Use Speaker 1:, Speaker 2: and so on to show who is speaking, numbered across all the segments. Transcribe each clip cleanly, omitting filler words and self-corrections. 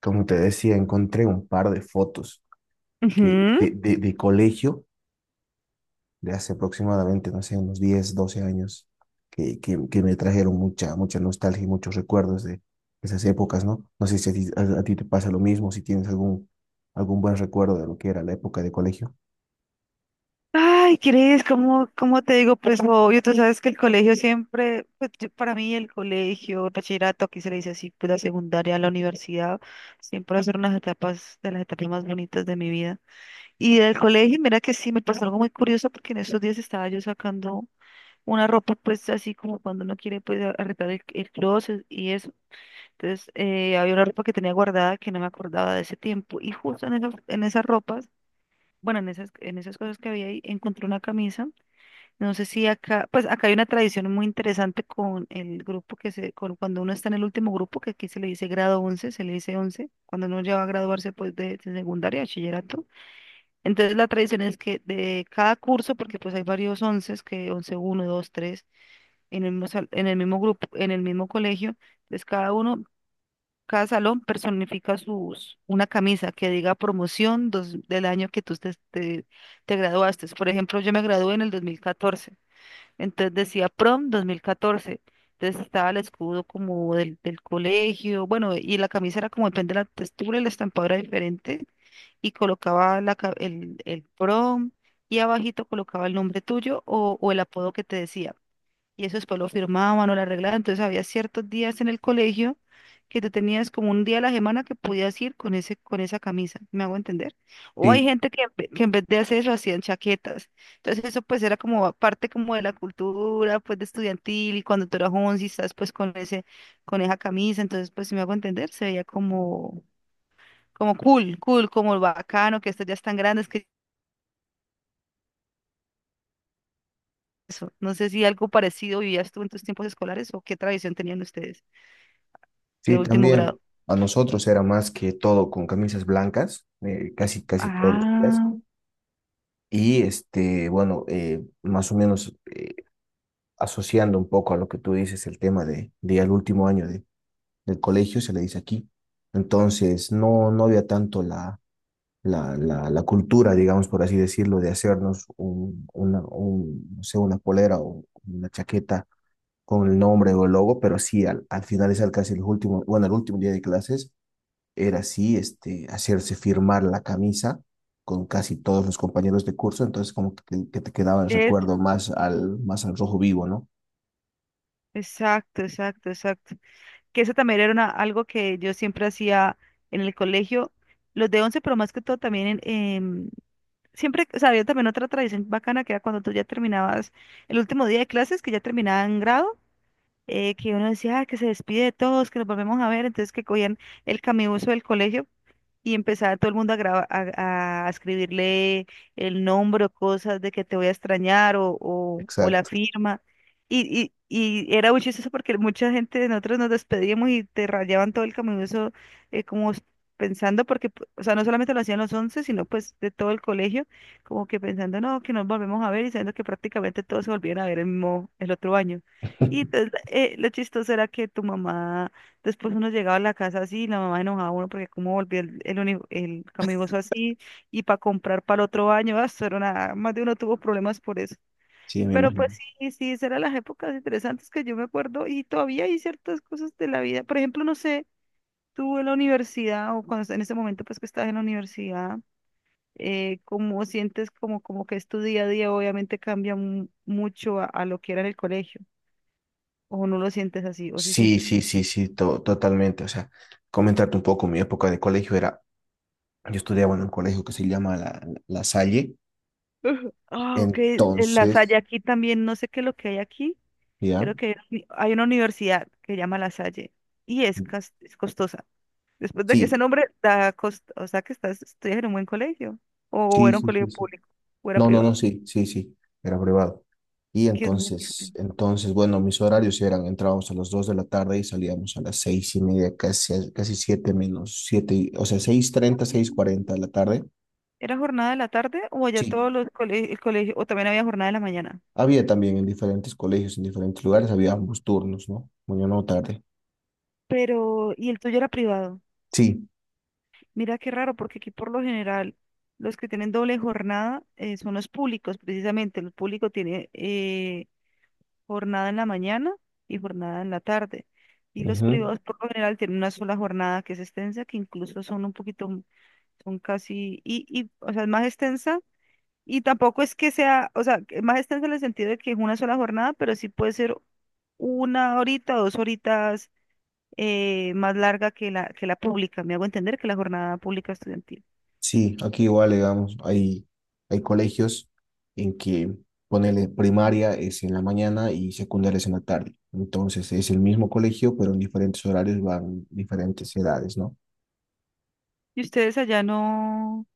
Speaker 1: Como te decía, encontré un par de fotos que, de,
Speaker 2: Ujú.
Speaker 1: de, de colegio de hace aproximadamente, no sé, unos 10 12 años, que me trajeron mucha, mucha nostalgia y muchos recuerdos de esas épocas, ¿no? No sé si a ti te pasa lo mismo, si tienes algún buen recuerdo de lo que era la época de colegio.
Speaker 2: Ay, ¿crees? ¿¿Cómo te digo? Pues lo obvio, tú sabes que el colegio siempre, pues, para mí el colegio, el bachillerato, aquí se le dice así, pues la secundaria, la universidad, siempre son unas etapas de las etapas más bonitas de mi vida. Y del colegio, mira que sí, me pasó algo muy curioso porque en esos días estaba yo sacando una ropa, pues así como cuando uno quiere, pues arreglar el closet y eso. Entonces, había una ropa que tenía guardada que no me acordaba de ese tiempo y justo en esa ropa, bueno, en esas cosas que había ahí, encontré una camisa. No sé si acá, pues acá hay una tradición muy interesante con el grupo cuando uno está en el último grupo, que aquí se le dice grado once, se le dice 11 cuando uno ya va a graduarse pues de secundaria, bachillerato. Entonces la tradición es que de cada curso, porque pues hay varios 11, que once uno dos tres en el mismo, en el mismo grupo, en el mismo colegio, pues cada uno cada salón personifica sus, una camisa que diga del año que tú te graduaste. Por ejemplo, yo me gradué en el 2014, entonces decía prom 2014. Entonces estaba el escudo como del colegio, bueno, y la camisa era como depende de la textura, y la estampa era diferente, y colocaba el prom y abajito colocaba el nombre tuyo o el apodo que te decía. Y eso después lo firmaban o lo arreglaban. Entonces había ciertos días en el colegio que tú tenías como un día a la semana que podías ir con esa camisa, ¿me hago entender? O hay
Speaker 1: Sí,
Speaker 2: gente que, que en vez de hacer eso hacían chaquetas. Entonces eso pues era como parte como de la cultura pues de estudiantil y cuando tú eras once y estás pues con esa camisa, entonces pues si me hago entender, se veía como cool, cool, como bacano, que estos ya están grandes, que eso. No sé si algo parecido vivías tú en tus tiempos escolares o qué tradición tenían ustedes de
Speaker 1: sí,
Speaker 2: último
Speaker 1: también
Speaker 2: grado.
Speaker 1: a nosotros era más que todo con camisas blancas, casi, casi todos los días.
Speaker 2: Ah,
Speaker 1: Y este, bueno, más o menos asociando un poco a lo que tú dices, el tema de al último año del colegio, se le dice aquí. Entonces, no, no había tanto la cultura, digamos, por así decirlo, de hacernos no sé, una polera o una chaqueta con el nombre o el logo, pero sí, al finalizar casi el último, bueno, el último día de clases, era así, este, hacerse firmar la camisa con casi todos los compañeros de curso, entonces como que te quedaba el recuerdo
Speaker 2: eso,
Speaker 1: más al rojo vivo, ¿no?
Speaker 2: exacto, exacto, exacto. Que eso también era algo que yo siempre hacía en el colegio, los de once, pero más que todo también siempre, o sea, había también otra tradición bacana que era cuando tú ya terminabas el último día de clases, que ya terminaban grado, que uno decía: "Ah, que se despide de todos, que nos volvemos a ver", entonces que cogían el camibuso del colegio y empezaba todo el mundo a escribirle el nombre o cosas de que te voy a extrañar o la
Speaker 1: Exacto.
Speaker 2: firma. Y, y era muy chistoso porque mucha gente de nosotros nos despedíamos y te rayaban todo el camibuso, eh, como s- pensando, porque o sea, no solamente lo hacían los 11 sino pues de todo el colegio, como que pensando, no, que nos volvemos a ver y sabiendo que prácticamente todos se volvían a ver el mismo, el otro año. Y entonces, lo chistoso era que tu mamá, después uno llegaba a la casa así y la mamá enojaba a uno porque cómo volvió el camibuso así y para comprar para el otro año, ah, eso era más de uno tuvo problemas por eso.
Speaker 1: Sí, me
Speaker 2: Pero pues
Speaker 1: imagino.
Speaker 2: sí, esas eran las épocas interesantes que yo me acuerdo y todavía hay ciertas cosas de la vida. Por ejemplo, no sé, tú en la universidad o cuando en ese momento pues que estás en la universidad, cómo sientes como que es tu día a día, obviamente cambia mucho a lo que era en el colegio. O no lo sientes así, o si
Speaker 1: Sí,
Speaker 2: sientes
Speaker 1: sí,
Speaker 2: que...
Speaker 1: sí, sí, totalmente. O sea, comentarte un poco, mi época de colegio era, yo estudiaba en un colegio que se llama La Salle,
Speaker 2: Ah, ok. En La
Speaker 1: entonces,
Speaker 2: Salle aquí también, no sé qué es lo que hay aquí.
Speaker 1: ¿ya?
Speaker 2: Creo que hay una hay una universidad que se llama La Salle y es, es costosa. Después de que ese
Speaker 1: Sí,
Speaker 2: nombre da costo, o sea que estás, estudias en un buen colegio o
Speaker 1: sí,
Speaker 2: era un
Speaker 1: sí,
Speaker 2: colegio
Speaker 1: sí, sí.
Speaker 2: público o era
Speaker 1: No, no, no,
Speaker 2: privado,
Speaker 1: sí, sí, sí, era privado. Y
Speaker 2: que es muy
Speaker 1: entonces,
Speaker 2: diferente.
Speaker 1: entonces, bueno, mis horarios eran, entrábamos a las 2 de la tarde y salíamos a las 6 y media, casi, casi 7 menos siete, o sea, 6:30 6:40 de la tarde.
Speaker 2: ¿Era jornada de la tarde o allá
Speaker 1: Sí,
Speaker 2: todos los colegios, el colegio, o también había jornada de la mañana?
Speaker 1: había también en diferentes colegios, en diferentes lugares, había ambos turnos, ¿no? Mañana o tarde.
Speaker 2: Pero, y el tuyo era privado.
Speaker 1: Sí,
Speaker 2: Mira qué raro, porque aquí por lo general los que tienen doble jornada, son los públicos, precisamente. El público tiene, jornada en la mañana y jornada en la tarde. Y los
Speaker 1: ujú.
Speaker 2: privados por lo general tienen una sola jornada que es extensa, que incluso son un poquito, son casi, o sea, es más extensa. Y tampoco es que sea, o sea, que más extensa en el sentido de que es una sola jornada, pero sí puede ser una horita, dos horitas, más larga que la pública. Me hago entender que la jornada pública estudiantil.
Speaker 1: Sí, aquí igual, digamos, hay colegios en que ponele primaria es en la mañana y secundaria es en la tarde. Entonces es el mismo colegio, pero en diferentes horarios van diferentes edades, ¿no?
Speaker 2: Y ustedes allá no,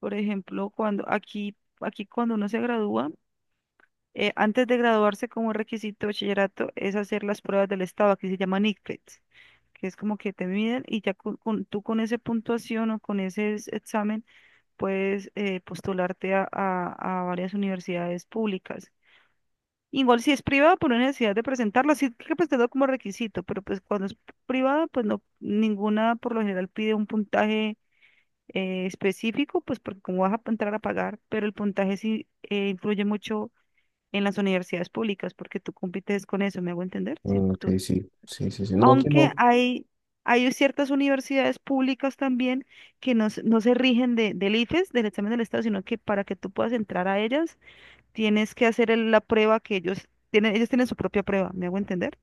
Speaker 2: por ejemplo, cuando aquí cuando uno se gradúa, antes de graduarse como requisito de bachillerato es hacer las pruebas del estado, aquí se llaman ICFES, que es como que te miden y ya tú con esa puntuación o con ese examen puedes, postularte a varias universidades públicas. Igual si es privada, por una necesidad de presentarlo, sí hay que presentarlo como requisito, pero pues cuando es privada, pues no, ninguna por lo general pide un puntaje, específico, pues porque como vas a entrar a pagar, pero el puntaje sí, influye mucho en las universidades públicas, porque tú compites con eso, ¿me hago entender? Si
Speaker 1: Mm, ok,
Speaker 2: tú,
Speaker 1: sí, sí, sí, sí. No, aquí
Speaker 2: aunque
Speaker 1: no.
Speaker 2: hay ciertas universidades públicas también que no, no se rigen del IFES, del examen del Estado, sino que para que tú puedas entrar a ellas, tienes que hacer la prueba que ellos tienen su propia prueba, ¿me hago entender?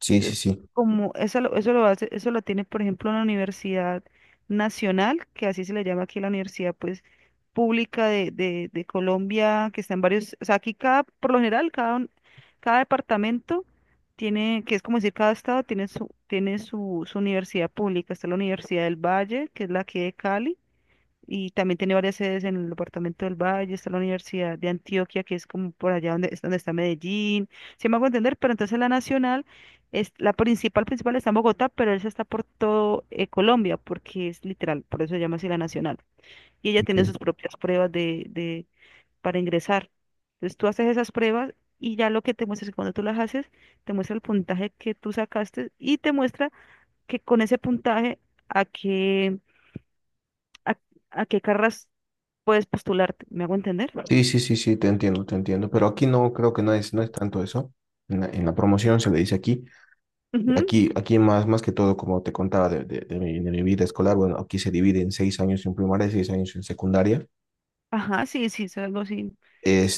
Speaker 1: Sí, sí,
Speaker 2: Entonces,
Speaker 1: sí.
Speaker 2: como eso lo hace, eso lo tiene, por ejemplo, una Universidad Nacional, que así se le llama aquí la Universidad, pues, pública de Colombia, que está en varios, o sea, aquí cada, por lo general, cada departamento tiene, que es como decir, cada estado tiene su universidad pública. Está la Universidad del Valle, que es la aquí de Cali y también tiene varias sedes en el departamento del Valle, está la Universidad de Antioquia, que es como por allá donde, es donde está Medellín, si me hago entender, pero entonces la nacional, es, la principal, principal está en Bogotá, pero esa está por todo, Colombia, porque es literal, por eso se llama así la nacional. Y ella tiene
Speaker 1: Okay.
Speaker 2: sus propias pruebas para ingresar. Entonces tú haces esas pruebas y ya lo que te muestra es que cuando tú las haces, te muestra el puntaje que tú sacaste y te muestra que con ese puntaje a qué a, a qué carras puedes postularte, ¿me hago entender?
Speaker 1: Sí, sí, sí, sí, te entiendo, te entiendo. Pero aquí no, creo que no es tanto eso. En la promoción se le dice aquí.
Speaker 2: Ujú.
Speaker 1: Aquí más que todo, como te contaba de mi vida escolar, bueno, aquí se divide en 6 años en primaria y 6 años en secundaria.
Speaker 2: Ajá, sí, sí, es algo así.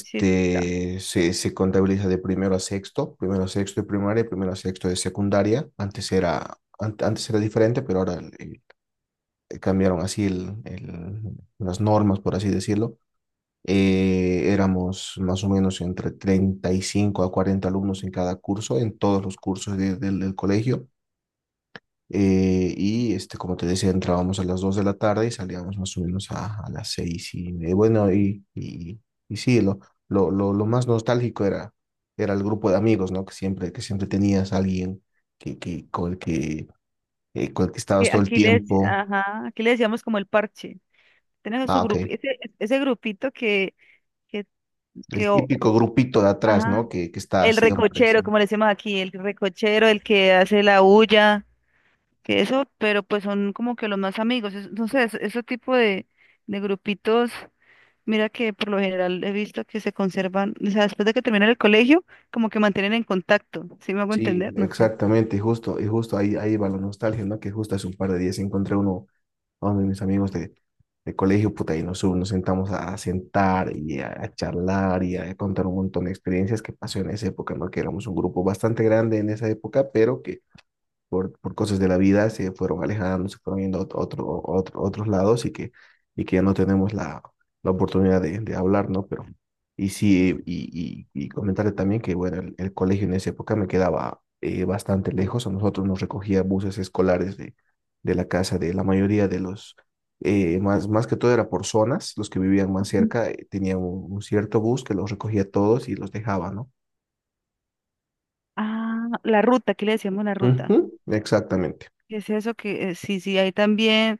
Speaker 2: Sí, claro.
Speaker 1: se contabiliza de primero a sexto de primaria, primero a sexto de secundaria. Antes era diferente, pero ahora cambiaron así las normas, por así decirlo. Éramos más o menos entre 35 a 40 alumnos en cada curso, en todos los cursos del colegio. Y este, como te decía, entrábamos a las 2 de la tarde y salíamos más o menos a las 6 y media. Bueno, y sí, lo más nostálgico era el grupo de amigos, ¿no? Que siempre tenías a alguien que, con el que, con el que estabas
Speaker 2: Que
Speaker 1: todo el
Speaker 2: aquí
Speaker 1: tiempo.
Speaker 2: ajá, aquí le decíamos como el parche. Tenemos
Speaker 1: Ah,
Speaker 2: su grupo,
Speaker 1: ok.
Speaker 2: ese grupito que, que
Speaker 1: El
Speaker 2: o-
Speaker 1: típico grupito de atrás, ¿no?
Speaker 2: ajá.
Speaker 1: Que está
Speaker 2: El
Speaker 1: siempre. Sí,
Speaker 2: recochero, como le decimos aquí, el recochero, el que hace la bulla, que eso, pero pues son como que los más amigos. Entonces, ese tipo de grupitos, mira que por lo general he visto que se conservan, o sea, después de que terminan el colegio, como que mantienen en contacto, ¿si me hago
Speaker 1: sí,
Speaker 2: entender? No sé.
Speaker 1: exactamente, y justo ahí, va la nostalgia, ¿no? Que justo hace un par de días encontré uno. Hombre, mis amigos de colegio, puta, ahí nos sentamos a sentar y a charlar y a contar un montón de experiencias que pasó en esa época, ¿no? Que éramos un grupo bastante grande en esa época, pero que por cosas de la vida se fueron alejando, se fueron yendo a otros lados y que ya no tenemos la oportunidad de hablar, ¿no? Pero, y sí, comentarle también que, bueno, el colegio en esa época me quedaba bastante lejos, a nosotros nos recogía buses escolares de la casa de la mayoría de los, más que todo era por zonas, los que vivían más cerca tenían un cierto bus que los recogía a todos y los dejaba, ¿no?
Speaker 2: Ah, la ruta, ¿qué le decíamos, la
Speaker 1: Ujú,
Speaker 2: ruta?
Speaker 1: exactamente,
Speaker 2: ¿Qué es eso que, sí, sí, hay también.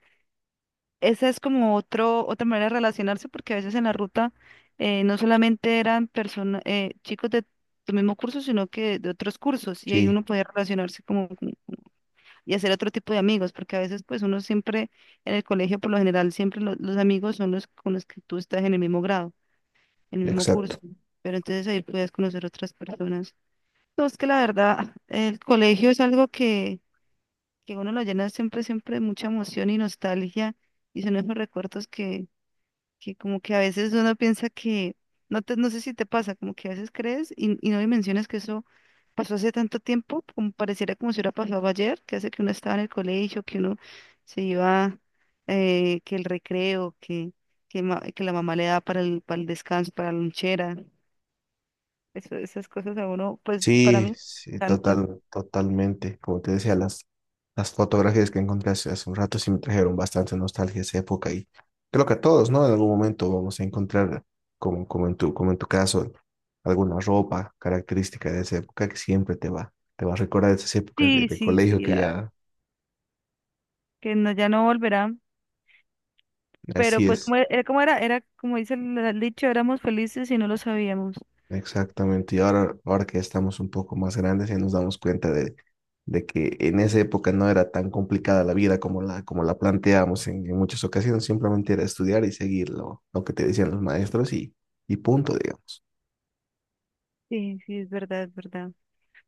Speaker 2: Esa es como otro, otra manera de relacionarse porque a veces en la ruta, no solamente eran personas, chicos de tu mismo curso, sino que de otros cursos y ahí
Speaker 1: sí,
Speaker 2: uno podía relacionarse y hacer otro tipo de amigos porque a veces pues uno siempre en el colegio por lo general siempre los amigos son los con los que tú estás en el mismo grado, en el mismo curso,
Speaker 1: exacto.
Speaker 2: pero entonces ahí puedes conocer otras personas. No, es que la verdad el colegio es algo que uno lo llena siempre, siempre de mucha emoción y nostalgia y son esos recuerdos que como que a veces uno piensa que, no te, no sé si te pasa, como que a veces crees y no dimensionas que eso pasó hace tanto tiempo, como pareciera como si hubiera pasado ayer, que hace que uno estaba en el colegio, que uno se iba, que el recreo, que la mamá le da para para el descanso, para la lonchera, esas cosas a uno, pues para
Speaker 1: Sí,
Speaker 2: mí,
Speaker 1: sí,
Speaker 2: canta.
Speaker 1: total, totalmente. Como te decía, las fotografías que encontré hace un rato sí me trajeron bastante nostalgia a esa época y creo que a todos, ¿no? En algún momento vamos a encontrar, como en tu caso, alguna ropa característica de esa época que siempre te va a recordar esas épocas
Speaker 2: Sí,
Speaker 1: de
Speaker 2: sí,
Speaker 1: colegio que ya
Speaker 2: que no, ya no volverá. Pero
Speaker 1: así
Speaker 2: pues
Speaker 1: es.
Speaker 2: como e, era, como era, era como dice el dicho, éramos felices y no lo sabíamos.
Speaker 1: Exactamente, y ahora, ahora que estamos un poco más grandes y nos damos cuenta de que en esa época no era tan complicada la vida como la planteamos en muchas ocasiones, simplemente era estudiar y seguir lo que te decían los maestros y punto, digamos.
Speaker 2: Sí, sí, es verdad, es verdad.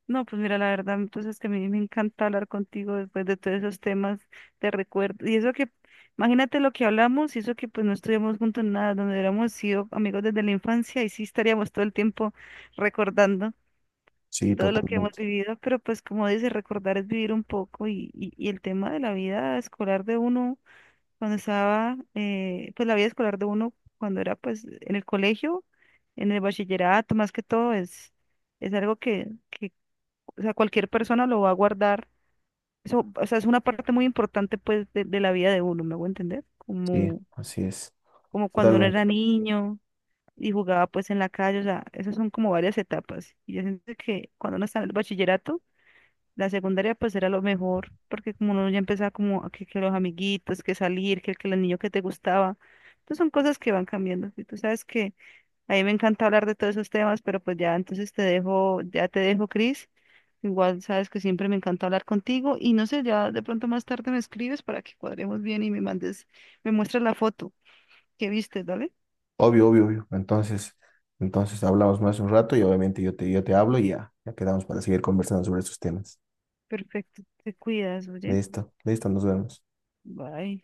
Speaker 2: No, pues mira, la verdad, entonces que a mí me encanta hablar contigo después de todos esos temas de recuerdo. Y eso que, imagínate lo que hablamos y eso que pues no estuvimos juntos en nada, donde hubiéramos sido amigos desde la infancia y sí estaríamos todo el tiempo recordando
Speaker 1: Sí,
Speaker 2: todo lo que hemos
Speaker 1: totalmente,
Speaker 2: vivido, pero pues como dice, recordar es vivir un poco y el tema de la vida escolar de uno cuando estaba, pues la vida escolar de uno, cuando era pues en el colegio, en el bachillerato, más que todo, es algo o sea, cualquier persona lo va a guardar. Eso, o sea, es una parte muy importante pues de la vida de uno, ¿me hago entender?
Speaker 1: sí,
Speaker 2: Como,
Speaker 1: así es,
Speaker 2: como cuando uno
Speaker 1: totalmente,
Speaker 2: era niño y jugaba pues en la calle, o sea, esas son como varias etapas. Y yo siento que cuando uno está en el bachillerato, la secundaria pues era lo mejor, porque como uno ya empezaba como que los amiguitos, que salir, que el niño que te gustaba. Entonces son cosas que van cambiando. Y tú sabes que a mí me encanta hablar de todos esos temas, pero pues ya entonces te dejo, ya te dejo, Cris. Igual sabes que siempre me encanta hablar contigo y no sé, ya de pronto más tarde me escribes para que cuadremos bien y me mandes, me muestras la foto que viste, ¿vale?
Speaker 1: obvio, obvio, obvio. Entonces hablamos más un rato y obviamente yo te hablo y ya, ya quedamos para seguir conversando sobre esos temas.
Speaker 2: Perfecto, te cuidas, oye.
Speaker 1: Listo, listo, nos vemos.
Speaker 2: Bye.